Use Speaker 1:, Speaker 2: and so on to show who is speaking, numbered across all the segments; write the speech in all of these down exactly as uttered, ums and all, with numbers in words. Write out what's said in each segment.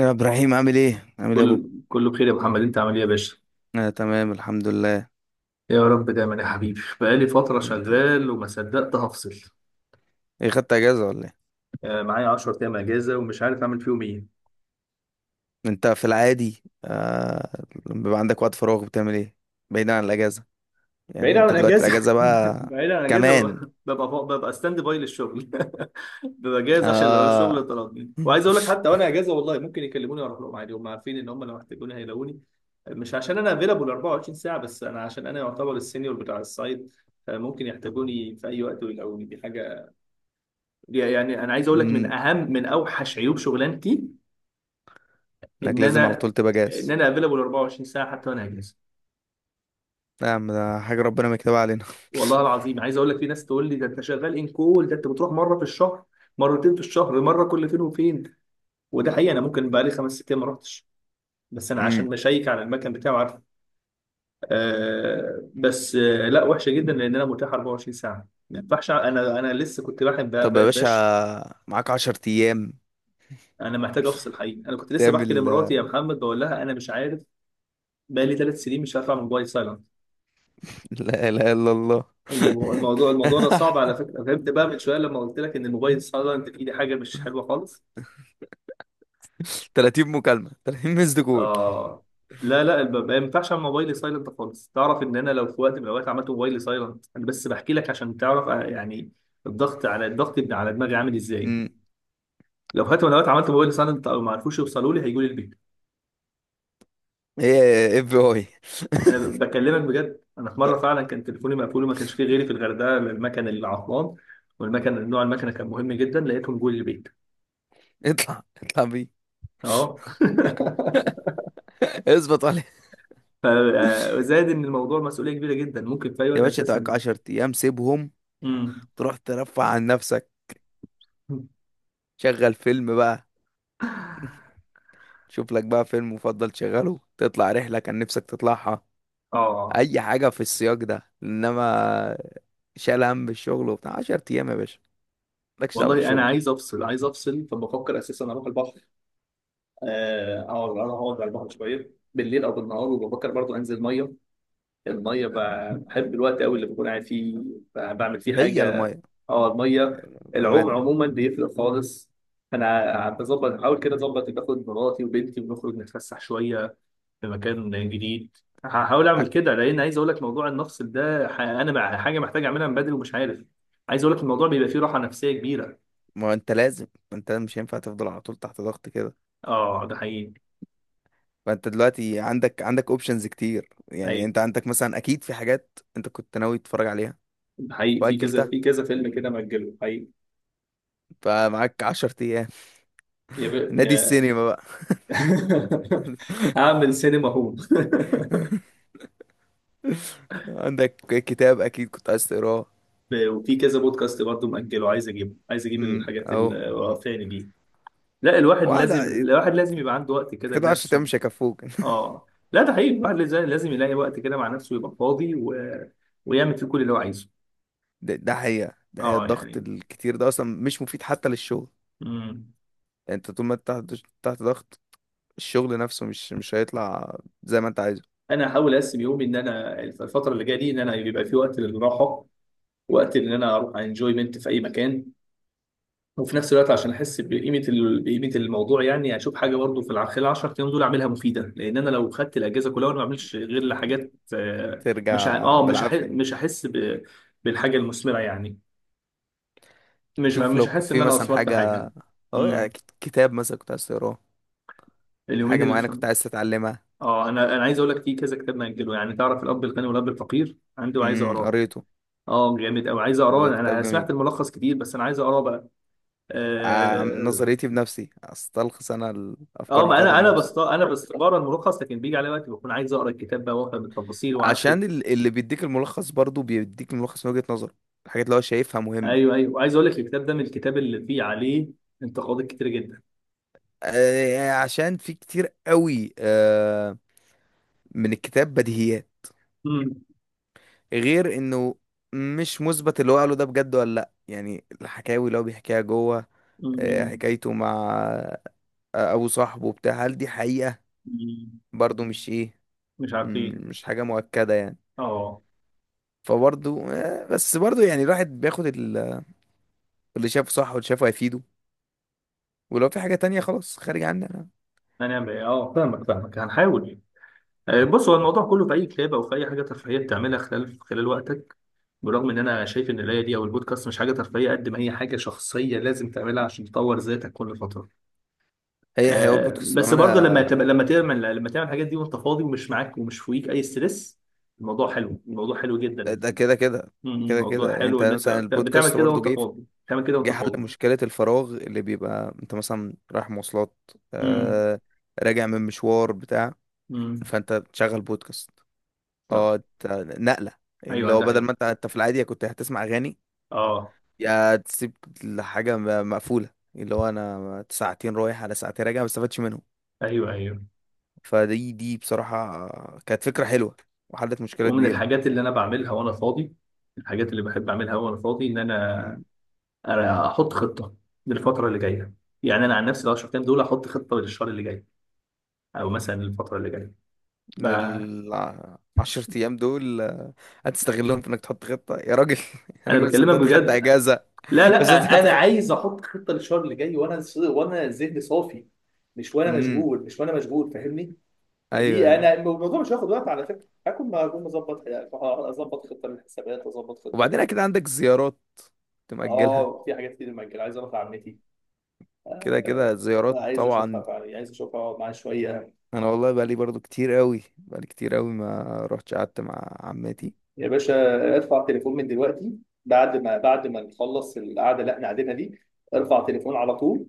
Speaker 1: يا ابراهيم، عامل ايه عامل ايه يا بوب؟
Speaker 2: كل كله بخير يا محمد، انت عامل ايه يا باشا؟
Speaker 1: انا تمام، الحمد لله.
Speaker 2: يا رب دايما يا حبيبي. بقالي فتره
Speaker 1: انت
Speaker 2: شغال وما صدقت هفصل.
Speaker 1: ايه، خدت اجازه ولا ايه؟
Speaker 2: آه، معايا 10 ايام اجازه ومش عارف اعمل فيهم ايه.
Speaker 1: انت في العادي، آه... لما بيبقى عندك وقت فراغ بتعمل ايه؟ بعيدا عن الاجازه. يعني
Speaker 2: بعيد عن
Speaker 1: انت دلوقتي
Speaker 2: الاجازه.
Speaker 1: الاجازه بقى.
Speaker 2: بعيد عن الاجازه، ببقى
Speaker 1: كمان.
Speaker 2: ببقى, ببقى ستاند باي للشغل. ببقى جاهز عشان لو الشغل
Speaker 1: اه.
Speaker 2: طلبني، وعايز اقول لك حتى وانا اجازه والله ممكن يكلموني واروح لهم عادي. هم عارفين ان هم لو احتاجوني هيلاقوني. مش عشان انا افيلابل 24 ساعه، بس انا عشان انا يعتبر السينيور بتاع السايت. آه، ممكن يحتاجوني في اي وقت ويلاقوني، دي حاجه. يعني انا عايز اقول لك
Speaker 1: أمم،
Speaker 2: من اهم من اوحش عيوب شغلانتي
Speaker 1: انك
Speaker 2: ان
Speaker 1: لازم على
Speaker 2: انا
Speaker 1: طول تبقى
Speaker 2: ان
Speaker 1: جاهز.
Speaker 2: انا افيلبل 24 ساعه حتى وانا اجازه.
Speaker 1: لا يا عم، ده حاجه ربنا مكتوبه علينا.
Speaker 2: والله العظيم عايز اقول لك، في ناس تقول لي ده انت شغال ان كول، ده انت بتروح مره في الشهر، مرتين في الشهر، مره كل فين وفين. وده حقيقي، انا ممكن بقالي خمس ست ايام ما رحتش، بس انا
Speaker 1: أمم،
Speaker 2: عشان بشيك على المكان بتاعي وعارف. آه بس آه، لا وحشه جدا لان انا متاح 24 ساعه. ما ينفعش، انا انا لسه كنت بحب.
Speaker 1: طب يا باشا،
Speaker 2: باش،
Speaker 1: معاك عشر ايام
Speaker 2: انا محتاج افصل حقيقي. انا كنت لسه بحكي
Speaker 1: تعمل
Speaker 2: لمراتي يا
Speaker 1: آه،
Speaker 2: محمد، بقول لها انا مش عارف. بقالي ثلاث سنين مش هرفع موبايل سايلنت.
Speaker 1: لا اله الا الله.
Speaker 2: الموضوع الموضوع الموضوع ده صعب على فكره. فهمت بقى من شويه لما قلت لك ان الموبايل سايلنت فيه، دي حاجه مش حلوه خالص.
Speaker 1: 30 مكالمه، تلاتين مسد كول.
Speaker 2: اه لا لا، الب- ما ينفعش اعمل موبايلي سايلنت خالص. تعرف ان انا لو في وقت من الاوقات عملت موبايلي سايلنت، انا بس بحكي لك عشان تعرف آه، يعني الضغط على الضغط بتاع- على دماغي عامل ازاي.
Speaker 1: امم
Speaker 2: لو في وقت من الاوقات عملت موبايلي سايلنت او ما عرفوش يوصلوا لي، هيجوا لي البيت.
Speaker 1: ايه اف بي اي.
Speaker 2: انا ب- بكلمك بجد، انا في مره فعلا كان تليفوني مقفول وما كانش فيه غيري في الغردقه، المكن اللي عطلان والمكن، نوع المكنه كان مهم جدا، لقيتهم جوه البيت.
Speaker 1: اطلع اطلع بيه!
Speaker 2: اه.
Speaker 1: اثبت عليه.
Speaker 2: ف- آه، وزائد ان الموضوع مسؤوليه كبيره جدا، ممكن في اي
Speaker 1: يا
Speaker 2: وقت
Speaker 1: باشا، تقعد
Speaker 2: اساسا.
Speaker 1: 10 ايام سيبهم.
Speaker 2: امم.
Speaker 1: تروح ترفع عن نفسك. شغل فيلم بقى. شوف لك بقى فيلم مفضل تشغله، تطلع رحلة كان نفسك تطلعها.
Speaker 2: اه
Speaker 1: اي حاجة في السياق ده، انما شال هم الشغل وبتاع 10 ايام يا باشا. مالكش دعوة
Speaker 2: والله انا
Speaker 1: بالشغل.
Speaker 2: عايز افصل، عايز افصل. فبفكر اساسا اروح البحر، آه، اقعد انا اقعد على البحر شويه بالليل او بالنهار، وبفكر برضو انزل ميه. الميه ب- بحب الوقت قوي اللي بكون قاعد فيه. ب- بعمل فيه
Speaker 1: هي
Speaker 2: حاجه.
Speaker 1: المية.
Speaker 2: اه، الميه. العوم
Speaker 1: بأمانة.
Speaker 2: عموما بيفرق خالص. انا بظبط بحاول كده اظبط، باخد مراتي وبنتي ونخرج نتفسح شويه في مكان جديد. هحاول اعمل
Speaker 1: حك-
Speaker 2: كده، لان عايز اقول لك موضوع المفصل ده ح- انا مع حاجه محتاج اعملها من بدري ومش عارف. عايز اقول لك الموضوع بيبقى فيه راحه نفسيه كبيره.
Speaker 1: ما انت لازم ما انت مش هينفع تفضل على طول تحت ضغط كده.
Speaker 2: اه، ده حقيقي.
Speaker 1: فانت دلوقتي عندك عندك اوبشنز كتير. يعني
Speaker 2: حقيقي،
Speaker 1: انت عندك مثلا اكيد في حاجات انت كنت ناوي تتفرج عليها،
Speaker 2: ده حقيقي. في كذا
Speaker 1: واجلتها.
Speaker 2: في كذا فيلم كده مأجله حقيقي.
Speaker 1: فمعاك عشر ايام،
Speaker 2: يا ب...
Speaker 1: نادي
Speaker 2: يا
Speaker 1: السينما بقى.
Speaker 2: هعمل سينما هوم.
Speaker 1: عندك كتاب اكيد كنت عايز تقراه.
Speaker 2: ب- وفي كذا بودكاست برضه مأجله، عايز اجيبه، عايز اجيب
Speaker 1: امم
Speaker 2: الحاجات
Speaker 1: اهو.
Speaker 2: الوقفاني دي. لا، الواحد لازم،
Speaker 1: واحدة
Speaker 2: الواحد لازم يبقى عنده وقت كده
Speaker 1: كده، عشر ايام
Speaker 2: لنفسه.
Speaker 1: مش هيكفوك.
Speaker 2: اه لا، ده حقيقي. الواحد لازم، لازم يلاقي وقت كده مع نفسه يبقى فاضي و... ويعمل فيه كل اللي هو عايزه.
Speaker 1: ده, ده حقيقة، ده حقيقة
Speaker 2: اه
Speaker 1: الضغط
Speaker 2: يعني.
Speaker 1: الكتير ده اصلا مش مفيد حتى للشغل.
Speaker 2: مم.
Speaker 1: يعني انت طول ما انت تحت تحت ضغط، الشغل نفسه مش مش هيطلع زي ما انت عايزه.
Speaker 2: انا هحاول اقسم يومي ان انا الفتره اللي جايه دي ان انا يبقى في وقت للراحه، وقت ان انا اروح انجويمنت في اي مكان. وفي نفس الوقت عشان احس بقيمه ال... بقيمه الموضوع، يعني اشوف حاجه برضه في الع- خلال 10 ايام دول اعملها مفيده. لان انا لو خدت الاجازه كلها وانا ما بعملش غير لحاجات آه، مش ه...
Speaker 1: ترجع
Speaker 2: اه مش هح...
Speaker 1: بالعافية.
Speaker 2: مش هحس ب... بالحاجه المثمره يعني. مش
Speaker 1: شوف
Speaker 2: مش
Speaker 1: لو كان
Speaker 2: هحس ان
Speaker 1: في
Speaker 2: انا
Speaker 1: مثلا
Speaker 2: اثمرت
Speaker 1: حاجة،
Speaker 2: حاجه.
Speaker 1: اهو يعني
Speaker 2: مم.
Speaker 1: كت- كتاب مثلا كنت عايز تقراه.
Speaker 2: اليومين
Speaker 1: حاجة
Speaker 2: اللي
Speaker 1: معينة
Speaker 2: في.
Speaker 1: كنت عايز تتعلمها.
Speaker 2: اه، انا انا عايز اقول لك، في كذا كتاب مأجله. يعني تعرف الاب الغني والاب الفقير؟ عنده. عايز
Speaker 1: امم
Speaker 2: اقراه.
Speaker 1: قريته.
Speaker 2: اه جامد قوي، عايز اقراه.
Speaker 1: ده كتاب
Speaker 2: انا سمعت
Speaker 1: جميل.
Speaker 2: الملخص كتير بس انا عايز اقراه بقى.
Speaker 1: عن
Speaker 2: اه.
Speaker 1: نظريتي بنفسي استلخص انا
Speaker 2: آه،
Speaker 1: الافكار
Speaker 2: ما
Speaker 1: بتاعته
Speaker 2: انا انا
Speaker 1: بنفسي.
Speaker 2: بست انا بس بقرا الملخص، لكن بيجي على وقت بكون عايز اقرا الكتاب بقى وافهم التفاصيل، وعشر
Speaker 1: عشان
Speaker 2: الك-
Speaker 1: ال- اللي بيديك الملخص برضو بيديك الملخص من وجهة نظره، الحاجات اللي هو شايفها
Speaker 2: ايوه
Speaker 1: مهمة.
Speaker 2: ايوه، وعايز اقول لك الكتاب ده من الكتاب اللي فيه عليه انتقادات كتير جدا.
Speaker 1: آه، عشان في كتير قوي آه، من الكتاب بديهيات،
Speaker 2: مم.
Speaker 1: غير انه مش مثبت اللي هو قاله ده بجد ولا لا، يعني الحكاوي اللي هو بيحكيها جوه. آه،
Speaker 2: مم.
Speaker 1: حكايته مع آه، ابو صاحبه بتاع، هل دي حقيقة؟
Speaker 2: مم.
Speaker 1: برضو مش ايه.
Speaker 2: مش
Speaker 1: مم،
Speaker 2: عارفين.
Speaker 1: مش حاجة مؤكدة يعني.
Speaker 2: اه.
Speaker 1: فبرضو آه، بس برضو يعني الواحد بياخد ال اللي شافه صح واللي شافه هيفيده. ولو في حاجة تانية خلاص، خارج عني أنا.
Speaker 2: هنعمل ايه؟ اه، فاهمك فاهمك، هنحاول. آه، بص، هو الموضوع كله في اي كتابه او في اي حاجه ترفيهيه بتعملها خلال خلال وقتك. برغم ان انا شايف ان القرايه دي او البودكاست مش حاجه ترفيهيه قد ما هي حاجه شخصيه لازم تعملها عشان تطور ذاتك كل فتره.
Speaker 1: هي هي هو
Speaker 2: آه،
Speaker 1: البودكاست
Speaker 2: بس
Speaker 1: بأمانة.
Speaker 2: برضه لما تبقى لما تعمل لما تعمل الحاجات دي وانت فاضي ومش معاك ومش فوقيك اي ستريس، الموضوع حلو، الموضوع حلو جدا.
Speaker 1: ده كده كده،
Speaker 2: مم،
Speaker 1: كده
Speaker 2: الموضوع
Speaker 1: كده
Speaker 2: حلو
Speaker 1: انت
Speaker 2: ان انت
Speaker 1: مثلا
Speaker 2: بتعمل
Speaker 1: البودكاست
Speaker 2: كده
Speaker 1: برضو
Speaker 2: وانت
Speaker 1: جه
Speaker 2: فاضي، بتعمل كده
Speaker 1: جه
Speaker 2: وانت
Speaker 1: حل
Speaker 2: فاضي.
Speaker 1: مشكلة الفراغ اللي بيبقى انت مثلا رايح مواصلات،
Speaker 2: امم.
Speaker 1: آه راجع من مشوار بتاع،
Speaker 2: امم.
Speaker 1: فانت تشغل بودكاست. اه،
Speaker 2: صح.
Speaker 1: انت- نقلة، اللي
Speaker 2: ايوه،
Speaker 1: هو
Speaker 2: ده
Speaker 1: بدل
Speaker 2: حقيقي.
Speaker 1: ما انت انت في العادي كنت هتسمع أغاني،
Speaker 2: اه.
Speaker 1: يا تسيب الحاجة م- مقفولة، اللي هو انا ساعتين رايح على ساعتين راجع ما استفدتش منهم.
Speaker 2: ايوه ايوه.
Speaker 1: فدي دي بصراحة، كانت فكرة حلوة وحلت مشكلة
Speaker 2: ومن
Speaker 1: كبيرة.
Speaker 2: الحاجات اللي انا بعملها وانا فاضي، الحاجات اللي بحب اعملها وانا فاضي، ان انا
Speaker 1: مم.
Speaker 2: انا احط خطه للفتره اللي جايه. يعني انا عن نفسي لو 10 ايام دول احط خطه للشهر اللي جاي او مثلا للفتره اللي جايه، ب...
Speaker 1: لل- الع- عشر أيام دول آه، هتستغلهم في إنك تحط خطة يا راجل! يا
Speaker 2: انا
Speaker 1: راجل
Speaker 2: بكلمك
Speaker 1: صدقت خدت
Speaker 2: بجد.
Speaker 1: أجازة.
Speaker 2: لا لا،
Speaker 1: وصدقت
Speaker 2: انا
Speaker 1: خدت.
Speaker 2: عايز احط خطه للشهر اللي جاي وانا ص- وانا ذهني صافي، مش وانا
Speaker 1: امم
Speaker 2: مشغول، مش وانا مشغول فاهمني.
Speaker 1: أيوه
Speaker 2: فدي،
Speaker 1: أيوه.
Speaker 2: انا الموضوع مش هياخد وقت على فكره. هكون، ما هكون مظبط. اظبط خطه للحسابات، اظبط خطه
Speaker 1: وبعدين
Speaker 2: لل....
Speaker 1: أكيد عندك زيارات تمأجلها.
Speaker 2: اه، في حاجات كتير مأجل. عايز اروح لعمتي
Speaker 1: كده
Speaker 2: آه،
Speaker 1: كده زيارات
Speaker 2: عايز
Speaker 1: طبعا.
Speaker 2: اشوفها فعلا، عايز اشوفها اقعد معاه شويه.
Speaker 1: أنا والله بقالي برضو كتير قوي، بقالي كتير قوي ما رحتش قعدت مع عماتي.
Speaker 2: يا باشا، ارفع تليفون من دلوقتي. بعد ما بعد ما نخلص القعده اللي احنا قاعدينها دي، ارفع تليفون على طول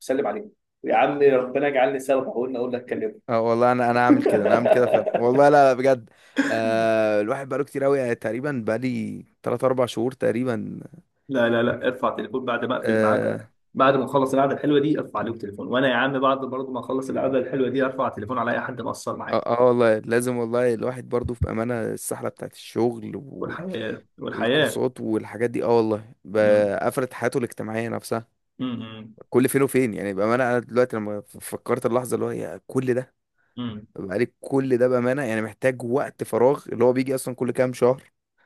Speaker 2: وسلم عليه. يا عم، ربنا يجعلني سبب. اقول اقول لك كلمه.
Speaker 1: اه والله، انا انا عامل كده، انا عامل كده فعلا والله، لا لا بجد. آه الواحد بقاله كتير قوي، يعني تقريبا بقالي ثلاثة اربع شهور تقريبا.
Speaker 2: لا لا لا، ارفع تليفون بعد ما اقفل
Speaker 1: اه
Speaker 2: معاك. بعد ما نخلص القعده الحلوه دي، ارفع عليهم تليفون. وانا يا عم، بعد برضه ما اخلص القعده الحلوه دي ارفع تليفون على اي حد مقصر
Speaker 1: اه.
Speaker 2: معايا.
Speaker 1: آه والله لازم، والله الواحد برضو في امانه السحله بتاعت الشغل وال-
Speaker 2: والحياه، والحياه.
Speaker 1: والكورسات والحاجات دي، اه والله
Speaker 2: امم،
Speaker 1: ب- قفلت حياته الاجتماعيه نفسها
Speaker 2: امم،
Speaker 1: كل فين وفين. يعني بامانه انا دلوقتي لما ف- فكرت اللحظه اللي هو، يا كل ده، بقالي كل ده بامانه، يعني محتاج وقت فراغ اللي هو بيجي اصلا كل كام شهر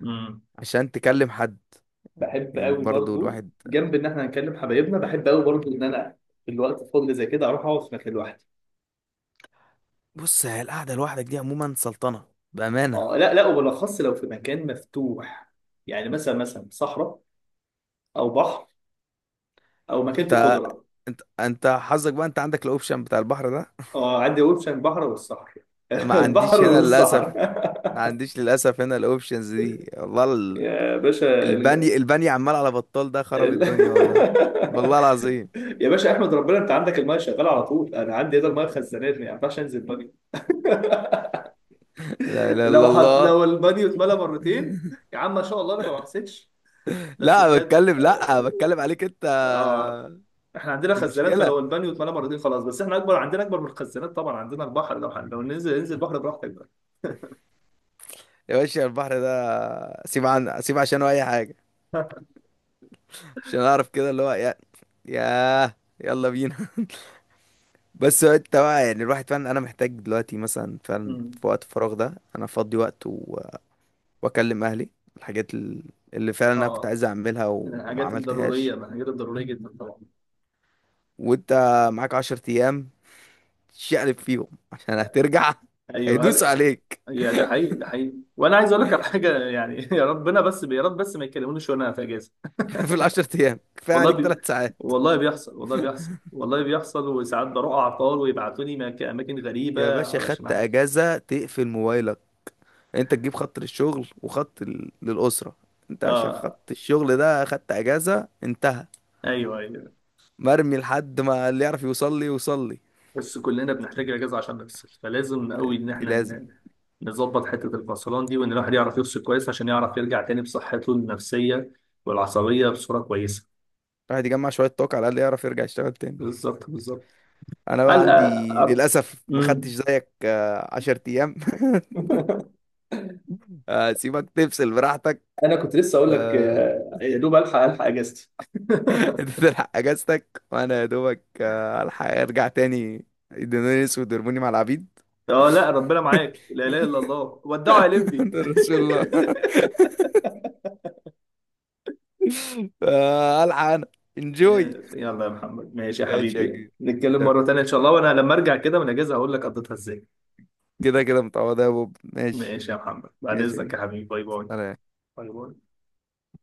Speaker 2: امم.
Speaker 1: عشان تكلم حد.
Speaker 2: بحب
Speaker 1: يعني
Speaker 2: قوي
Speaker 1: برضو
Speaker 2: برضو،
Speaker 1: الواحد.
Speaker 2: جنب ان احنا هنكلم حبايبنا بحب قوي برضو ان انا في الوقت الفاضي زي كده اروح اقعد في مكان لوحدي.
Speaker 1: بص، هي القعده لوحدك دي عموما سلطنه بامانه.
Speaker 2: اه لا لا، وبالاخص لو في مكان مفتوح، يعني مثلا مثلا صحراء او بحر او مكان فيه
Speaker 1: انت
Speaker 2: خضره.
Speaker 1: انت انت حظك بقى، انت عندك الاوبشن بتاع البحر ده.
Speaker 2: اه، عندي اوبشن البحر والصحراء.
Speaker 1: ما
Speaker 2: البحر
Speaker 1: عنديش هنا للاسف.
Speaker 2: والصحراء.
Speaker 1: ما عنديش للاسف هنا الاوبشنز دي، والله ال-
Speaker 2: يا باشا ال...
Speaker 1: البني البني عمال على بطال ده خرب
Speaker 2: ال...
Speaker 1: الدنيا، والله. والله العظيم.
Speaker 2: يا باشا، احمد ربنا انت عندك المايه شغاله على طول. انا عندي هنا المايه خزانات، ما ينفعش انزل بانيو.
Speaker 1: لا اله الا
Speaker 2: لو حط...
Speaker 1: الله
Speaker 2: لو البانيو اتملى مرتين، يا عم ما شاء الله انا ما حسيتش، بس
Speaker 1: لا
Speaker 2: بجد.
Speaker 1: بتكلم لا بتكلم عليك انت.
Speaker 2: اه، احنا عندنا
Speaker 1: دي
Speaker 2: خزانات
Speaker 1: مشكله.
Speaker 2: فلو البانيو اتملى مرتين خلاص، بس احنا اكبر، عندنا اكبر من الخزانات طبعا، عندنا البحر. لو حن... لو ننزل ننزل البحر براحتك بقى.
Speaker 1: يا باشا، البحر ده سيب عن سيب عشانه اي حاجه، عشان اعرف كده اللي هو يا ياه، يلا بينا. بس هو انت بقى، يعني الواحد فعلا انا محتاج دلوقتي مثلا، فعلا
Speaker 2: مم.
Speaker 1: في وقت الفراغ ده انا افضي وقت و... واكلم اهلي، الحاجات ال- اللي فعلا انا كنت
Speaker 2: اه،
Speaker 1: عايز اعملها و...
Speaker 2: من
Speaker 1: وما
Speaker 2: الحاجات
Speaker 1: عملتهاش.
Speaker 2: الضرورية، من الحاجات الضرورية جدا طبعا.
Speaker 1: وانت معاك عشر ايام شقلب فيهم عشان هترجع
Speaker 2: ايوه،
Speaker 1: هيدوس
Speaker 2: هل...
Speaker 1: عليك.
Speaker 2: يا ده حقيقي، ده حقيقي. وانا عايز اقول لك على حاجة يعني. يا ربنا بس، يا رب بس ما يكلمونيش وانا في اجازة.
Speaker 1: في العشر ايام كفايه
Speaker 2: والله
Speaker 1: عليك
Speaker 2: بي...
Speaker 1: ثلاث ساعات.
Speaker 2: والله بيحصل، والله بيحصل، والله بيحصل. وساعات بروح اعطال ويبعتوني مك- اماكن
Speaker 1: يا
Speaker 2: غريبة
Speaker 1: باشا،
Speaker 2: علشان
Speaker 1: خدت
Speaker 2: حاجة.
Speaker 1: اجازه تقفل موبايلك. انت تجيب خط للشغل وخط ال- للاسره. انت عشان
Speaker 2: اه.
Speaker 1: خط الشغل ده خدت اجازه، انتهى.
Speaker 2: ايوه ايوه.
Speaker 1: مرمي، لحد ما اللي يعرف يوصل لي يوصل لي.
Speaker 2: بس كلنا بنحتاج اجازه عشان نفصل، فلازم قوي ان
Speaker 1: دي
Speaker 2: احنا
Speaker 1: لازم.
Speaker 2: ن- نظبط حته الفصلان دي، وان الواحد يعرف يفصل كويس عشان يعرف يرجع تاني بصحته النفسيه والعصبيه بصوره كويسه.
Speaker 1: الواحد يجمع شوية طاقة على الأقل يعرف يرجع يشتغل تاني.
Speaker 2: بالظبط، بالظبط.
Speaker 1: أنا بقى
Speaker 2: الحق
Speaker 1: عندي
Speaker 2: أر-
Speaker 1: للأسف ما خدتش
Speaker 2: مم.
Speaker 1: زيك آه، عشر أيام. أسيبك تفصل براحتك
Speaker 2: انا كنت لسه اقول لك
Speaker 1: آه،
Speaker 2: آه، يا دوب الحق، الحق اجازتي.
Speaker 1: أنت تلحق أجازتك وأنا يا دوبك آه، ألحق أرجع تاني، يدوني أسود ويرموني مع العبيد،
Speaker 2: اه لا، ربنا معاك. لا اله الا الله. ودعوا يا لمبي.
Speaker 1: عند رسول الله. آه، ألحق أنا انجوي.
Speaker 2: آه، يلا يا محمد، ماشي يا
Speaker 1: ماشي يا
Speaker 2: حبيبي،
Speaker 1: كبير.
Speaker 2: نتكلم مره تانيه ان شاء الله. وانا لما ارجع كده من الاجازه هقول لك قضيتها ازاي.
Speaker 1: كده كده متعوضة يا بوب، ماشي.
Speaker 2: ماشي يا محمد، بعد
Speaker 1: ماشي يا
Speaker 2: اذنك
Speaker 1: كبير.
Speaker 2: يا حبيبي، باي باي.
Speaker 1: سلام.
Speaker 2: باي باي.